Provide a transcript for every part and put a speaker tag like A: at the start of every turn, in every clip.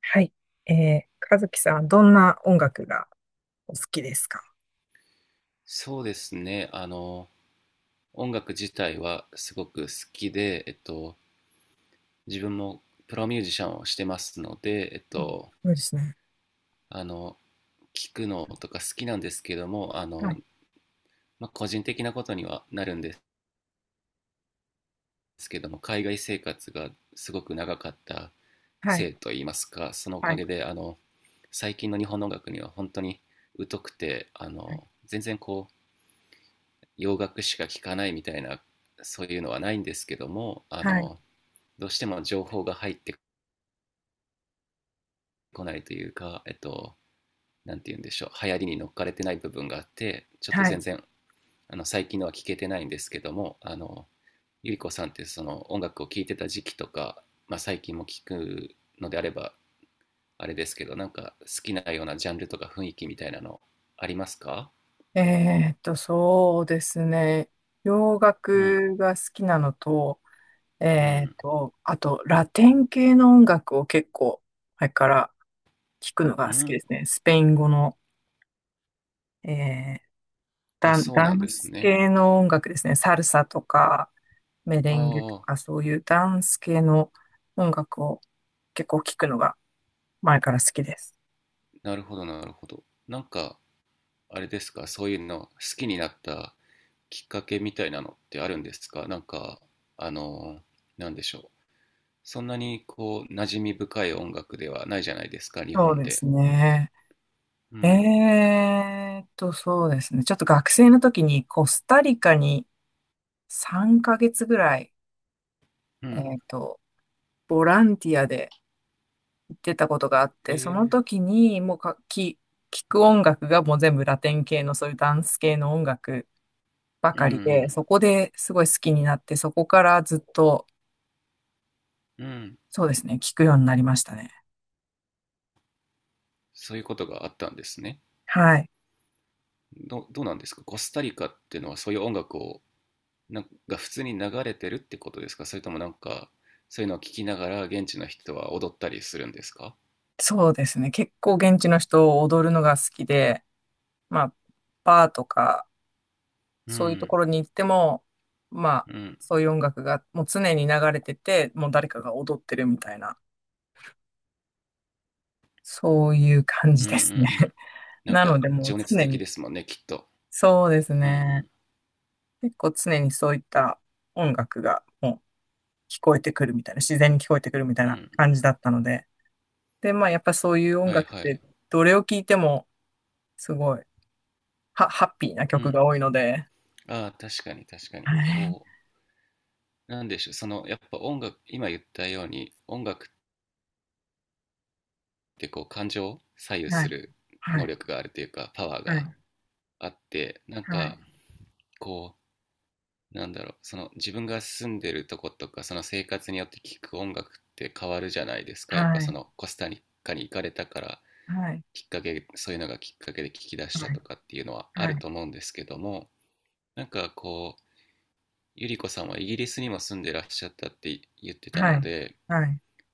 A: はい。和樹さん、どんな音楽がお好きですか？
B: そうですね。音楽自体はすごく好きで、自分もプロミュージシャンをしてますので、
A: うん。そうですね。
B: あの、聞くのとか好きなんですけども、
A: はい、
B: まあ、個人的なことにはなるんですけども、海外生活がすごく長かった
A: はい、
B: せいといいますか、そのお
A: は
B: か
A: い、
B: げで、最近の日本の音楽には本当に疎くて、全然こう、洋楽しか聴かないみたいな、そういうのはないんですけども、
A: はい、
B: どうしても情報が入ってこないというか、なんて言うんでしょう、流行りに乗っかれてない部分があって、ちょっと
A: はい。
B: 全然、最近のは聞けてないんですけども、ゆりこさんってその音楽を聴いてた時期とか、まあ、最近も聞くのであれば、あれですけど、なんか好きなようなジャンルとか雰囲気みたいなのありますか？
A: そうですね。洋
B: うん、
A: 楽が好きなのと、
B: うん、
A: あと、ラテン系の音楽を結構、前から聞くのが
B: う
A: 好きで
B: ん。
A: すね。スペイン語の、えー
B: あ、そう
A: ダ
B: なん
A: ン
B: です
A: ス
B: ね。
A: 系の音楽ですね。サルサとか、メ
B: あ
A: レンゲと
B: あ、
A: か、そういうダンス系の音楽を結構聞くのが前から好きです。
B: なるほど、なるほど。なんか、あれですか、そういうの好きになったきっかけみたいなのってあるんですか？なんか、あの、なんでしょう。そんなにこう、馴染み深い音楽ではないじゃないですか、日
A: そう
B: 本
A: で
B: で。
A: すね。
B: うん、
A: そうですね。ちょっと学生の時にコスタリカに3ヶ月ぐらい、
B: う
A: え
B: ん、
A: ーっと、ボランティアで行ってたことがあっ
B: え
A: て、その
B: ー、
A: 時にもうか、き、聞く音楽がもう全部ラテン系のそういうダンス系の音楽ば
B: う
A: かりで、
B: ん、
A: そこですごい好きになって、そこからずっと、
B: うん、うん。
A: そうですね、聞くようになりましたね。
B: そういうことがあったんですね。
A: はい。
B: どうなんですか？コスタリカっていうのはそういう音楽を、なんか普通に流れてるってことですか？それともなんか、そういうのを聞きながら現地の人は踊ったりするんですか？
A: そうですね。結構現地の人を踊るのが好きで、まあ、バーとか、
B: う
A: そういうと
B: ん、
A: ころに行っても、まあ、
B: うん、
A: そういう音楽がもう常に流れてて、もう誰かが踊ってるみたいな、そういう感
B: う
A: じ
B: ん、うん、
A: で
B: う
A: すね。
B: ん。なん
A: な
B: か
A: のでもう
B: 情熱
A: 常
B: 的
A: に、
B: ですもんね、きっと。
A: そうです
B: う
A: ね。
B: ん、
A: 結構常にそういった音楽がもう聞こえてくるみたいな、自然に聞こえてくるみたい
B: うん、うん、う
A: な感じ
B: ん。
A: だったので、で、まあ、やっぱそういう音
B: はい
A: 楽っ
B: はい。
A: て、どれを聴いても、すごい、ハッピーな
B: う
A: 曲
B: ん。
A: が多いので。
B: ああ、確かに確かに。
A: はい、
B: こう、なんでしょう。その、やっぱ音楽、今言ったように、音楽ってこう、感情を左右
A: は
B: す
A: い、
B: る
A: は
B: 能
A: い、
B: 力があるというか、パワー
A: は
B: が
A: い、
B: あって、なんか、こう、なんだろう。その、自分が住んでるとことか、その生活によって聴く音楽って変わるじゃないですか。
A: は
B: やっぱ
A: い、は
B: そ
A: い、
B: の、コスタリカに行かれたから、
A: はい、
B: きっかけ、そういうのがきっかけで聞き出した
A: はい、
B: とかっていうのはある
A: はい、
B: と思うんですけども、なんかこう、ゆりこさんはイギリスにも住んでらっしゃったって言ってた
A: は
B: の
A: い、
B: で、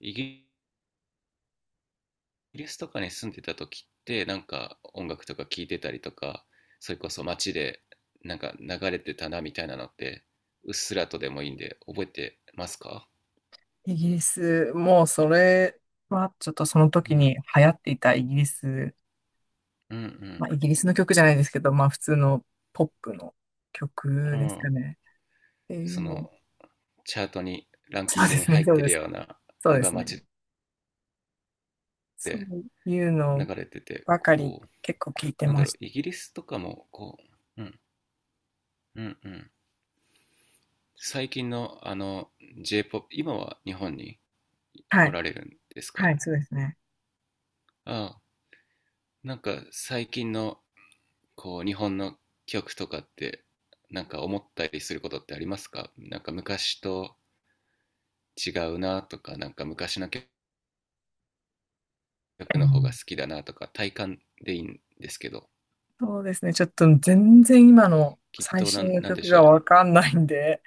B: イギリスとかに住んでた時ってなんか音楽とか聴いてたりとか、それこそ街でなんか流れてたなみたいなのってうっすらとでもいいんで覚えてますか？
A: イギリス、もうそれは、ちょっとその
B: う
A: 時
B: ん、
A: に流行っていたイギリス、
B: うん、
A: まあ、イギリスの曲じゃないですけど、まあ、普通のポップの
B: う
A: 曲で
B: ん、う
A: すか
B: ん。
A: ね。ってい
B: そ
A: うの、
B: のチャートにランキ
A: そう
B: ン
A: で
B: グに
A: すね、
B: 入っ
A: そう
B: て
A: で
B: る
A: す
B: よ
A: ね。
B: うな
A: そう
B: の
A: で
B: が
A: すね。
B: 街
A: そ
B: で
A: ういう
B: 流
A: の
B: れてて、
A: ばかり
B: こう、
A: 結構聞いて
B: なん
A: ま
B: だろう、
A: し
B: イギリスとかもこう、うん、うん、うん。最近のJ-POP、今は日本に
A: た。は
B: お
A: い。
B: られるんです
A: は
B: か？
A: い、そうですね。
B: ああ、なんか最近のこう日本の曲とかってなんか思ったりすることってありますか？なんか昔と違うなとか、なんか昔の曲
A: う
B: の方が
A: ん。
B: 好きだなとか、体感でいいんですけど、
A: そうですね。ちょっと全然今の
B: きっ
A: 最
B: となん、
A: 新の
B: なんで
A: 曲
B: し
A: が
B: ょ
A: わかんないんで、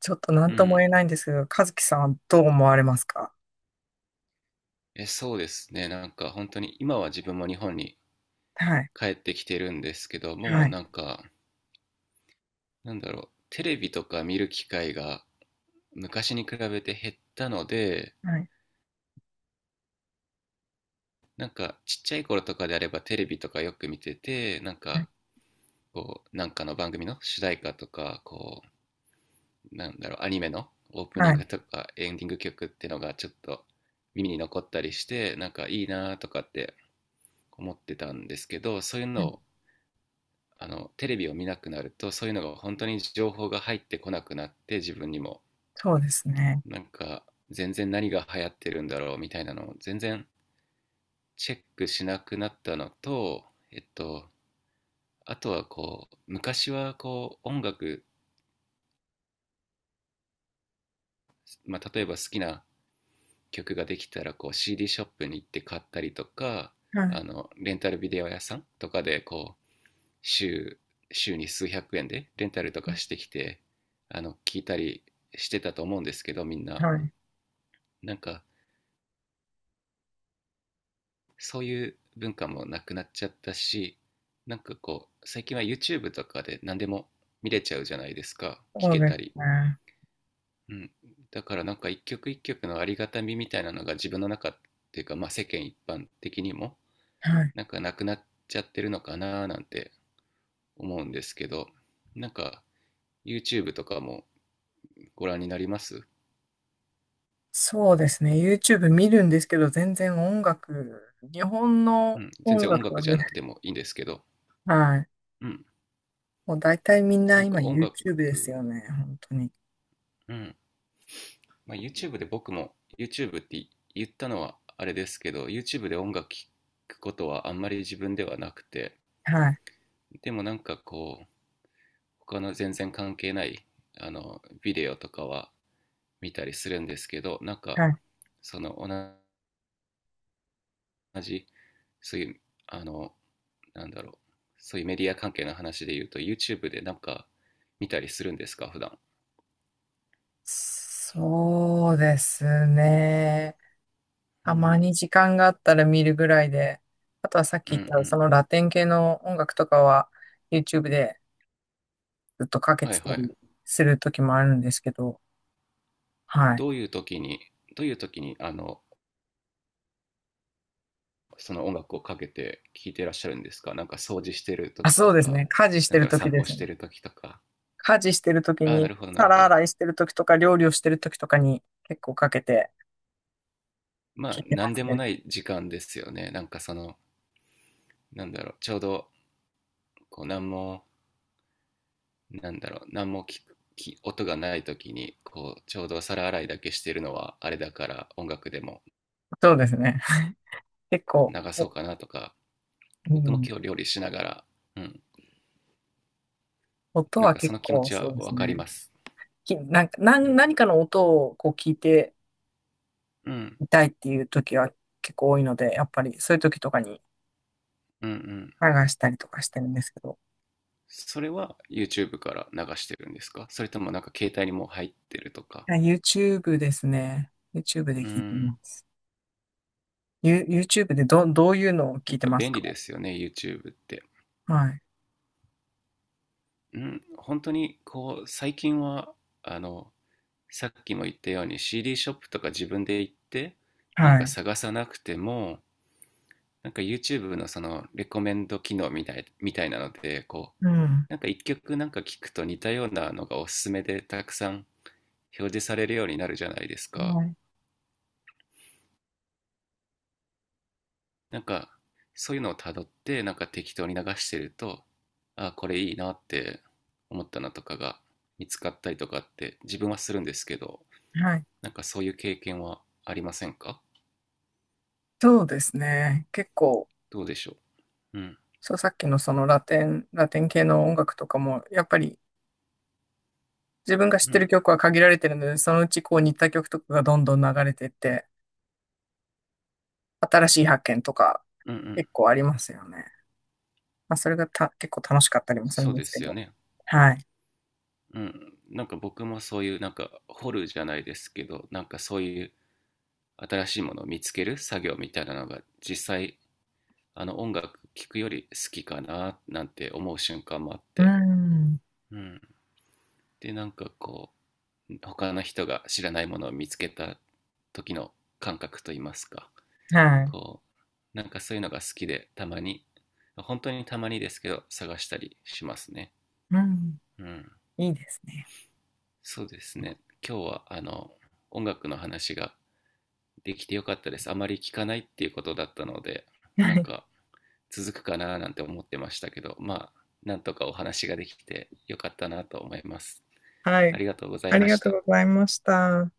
A: ちょっと何
B: う。う
A: とも
B: ん。
A: 言えないんですけど、和樹さんはどう思われますか？
B: そうですね。なんか本当に今は自分も日本に
A: はい。
B: 帰ってきてるんですけど、も
A: は
B: う
A: い。
B: なんか、なんだろう、テレビとか見る機会が昔に比べて減ったので、
A: はい。
B: なんかちっちゃい頃とかであればテレビとかよく見てて、なんかこう、なんかの番組の主題歌とか、こう、なんだろう、アニメのオープ
A: は
B: ニン
A: い。
B: グとかエンディング曲ってのがちょっと耳に残ったりして、なんかいいなとかって思ってたんですけど、そういう
A: は
B: の
A: い。
B: をテレビを見なくなるとそういうのが本当に情報が入ってこなくなって自分にも
A: そうですね。
B: なんか全然何が流行ってるんだろうみたいなのを全然チェックしなくなったのと、えっと、あとはこう、昔はこう、音楽、まあ、例えば好きな曲ができたらこう、CD ショップに行って買ったりとか、
A: はい。
B: レンタルビデオ屋さんとかでこう、週、週に数百円でレンタルとかしてきて、聞いたりしてたと思うんですけど、みんな。
A: はい。
B: なんか、そういう文化もなくなっちゃったし、なんかこう、最近は YouTube とかで何でも見れちゃうじゃないですか。聞
A: そう
B: け
A: で
B: たり。
A: すね。
B: うん、だからなんか一曲一曲のありがたみみたいなのが自分の中っていうか、まあ、世間一般的にも
A: はい。
B: なんかなくなっちゃってるのかななんて思うんですけど、なんか YouTube とかもご覧になります？
A: そうですね。YouTube 見るんですけど、全然音楽、日本
B: う
A: の
B: ん、全
A: 音
B: 然音
A: 楽は
B: 楽じゃ
A: ね、
B: なくてもいいんですけど、
A: はい。
B: うん、
A: もう大体みんな
B: なん
A: 今
B: か音楽、
A: YouTube ですよね。本当に。
B: うん、まあ、YouTube で僕も YouTube って言ったのはあれですけど YouTube で音楽聴くことはあんまり自分ではなくて、
A: はい。
B: でもなんかこう他の全然関係ないビデオとかは見たりするんですけど、なん
A: は
B: か
A: い。
B: その同じそういうあのなんだろう、そういうメディア関係の話で言うと YouTube でなんか見たりするんですか普段？
A: そうですね。
B: う
A: たま
B: ん。
A: に時間があったら見るぐらいで、あとはさっ
B: うん。
A: き言
B: う
A: ったそ
B: ん。
A: のラテン系の音楽とかは YouTube でずっとかけ
B: は
A: て
B: い
A: た
B: はい。
A: りする時もあるんですけど、はい。
B: どういう時にどういう時にその音楽をかけて聴いてらっしゃるんですか？なんか掃除してる
A: あ、
B: 時
A: そ
B: と
A: うですね。
B: か、
A: 家事し
B: な
A: て
B: んだ
A: る
B: ろう、
A: 時
B: 散
A: で
B: 歩
A: す
B: し
A: ね。
B: てる時とか。
A: 家事してる時
B: ああ、な
A: に、
B: るほど、なるほ
A: 皿
B: ど。
A: 洗いしてる時とか料理をしてる時とかに結構かけて
B: ま
A: 聞
B: あ
A: いてま
B: 何
A: す
B: でも
A: ね。
B: ない時間ですよね、なんかその、なんだろう、ちょうど、こう、何も、なんだろう、何も聞く、き音がない時に、こう、ちょうど皿洗いだけしてるのは、あれだから、音楽でも
A: そうですね。結構、
B: 流そう
A: お。
B: かなとか、
A: う
B: 僕も
A: ん。
B: 今日料理しながら、うん、
A: 音
B: なん
A: は
B: かそ
A: 結
B: の気持
A: 構
B: ち
A: そ
B: は
A: うで
B: わ
A: す
B: かり
A: ね。
B: ます。
A: き、なんか、な
B: う
A: ん、
B: ん、
A: 何かの音をこう聞いて、
B: うん、
A: 痛いっていう時は結構多いので、やっぱりそういう時とかに
B: うん、うん。
A: 流したりとかしてるんですけど。
B: それは YouTube から流してるんですか？それともなんか携帯にもう入ってるとか。
A: いや、 YouTube ですね。YouTube で
B: う
A: 聞いて
B: ん、
A: ます。YouTube でどういうのを
B: や
A: 聞い
B: っ
A: て
B: ぱ
A: ます
B: 便
A: か？
B: 利ですよね、YouTube って。
A: はい。
B: うん、本当にこう、最近は、あの、さっきも言ったように CD ショップとか自分で行ってなん
A: は
B: か
A: い。
B: 探さなくてもなんか YouTube のそのレコメンド機能みたいなのでこ
A: うん。
B: うなんか一曲なんか聞くと似たようなのがおすすめでたくさん表示されるようになるじゃないですか、
A: はい。
B: なんかそういうのをたどってなんか適当に流してると、あ、これいいなって思ったのとかが見つかったりとかって自分はするんですけど、
A: はい。
B: なんかそういう経験はありませんか？
A: そうですね。結構、
B: どうでしょう？うん。
A: そう、さっきのそのラテン系の音楽とかも、やっぱり自分が知っ
B: う
A: てる
B: ん。
A: 曲は限られてるので、そのうちこう似た曲とかがどんどん流れてって、新しい発見とか
B: うん。うん。
A: 結構ありますよね。まあ、それがた、結構楽しかったりもする
B: そ
A: ん
B: う
A: で
B: で
A: すけ
B: すよ
A: ど。
B: ね。
A: はい。
B: うん。なんか僕もそういう、なんか掘るじゃないですけど、なんかそういう新しいものを見つける作業みたいなのが実際、音楽聴くより好きかななんて思う瞬間もあっ
A: う
B: て。
A: ん。
B: うん。で、なんかこう、他の人が知らないものを見つけた時の感覚といいますか、
A: はい。
B: こう、なんかそういうのが好きで、たまに、本当にたまにですけど、探したりしますね。
A: うん。
B: うん。
A: いいですね。
B: そうですね。今日は音楽の話ができてよかったです。あまり聞かないっていうことだったので、
A: は
B: なん
A: い。
B: か続くかななんて思ってましたけど、まあ、なんとかお話ができてよかったなと思います。
A: は
B: あ
A: い。
B: りがとうござい
A: あ
B: ま
A: りが
B: し
A: とう
B: た。
A: ございました。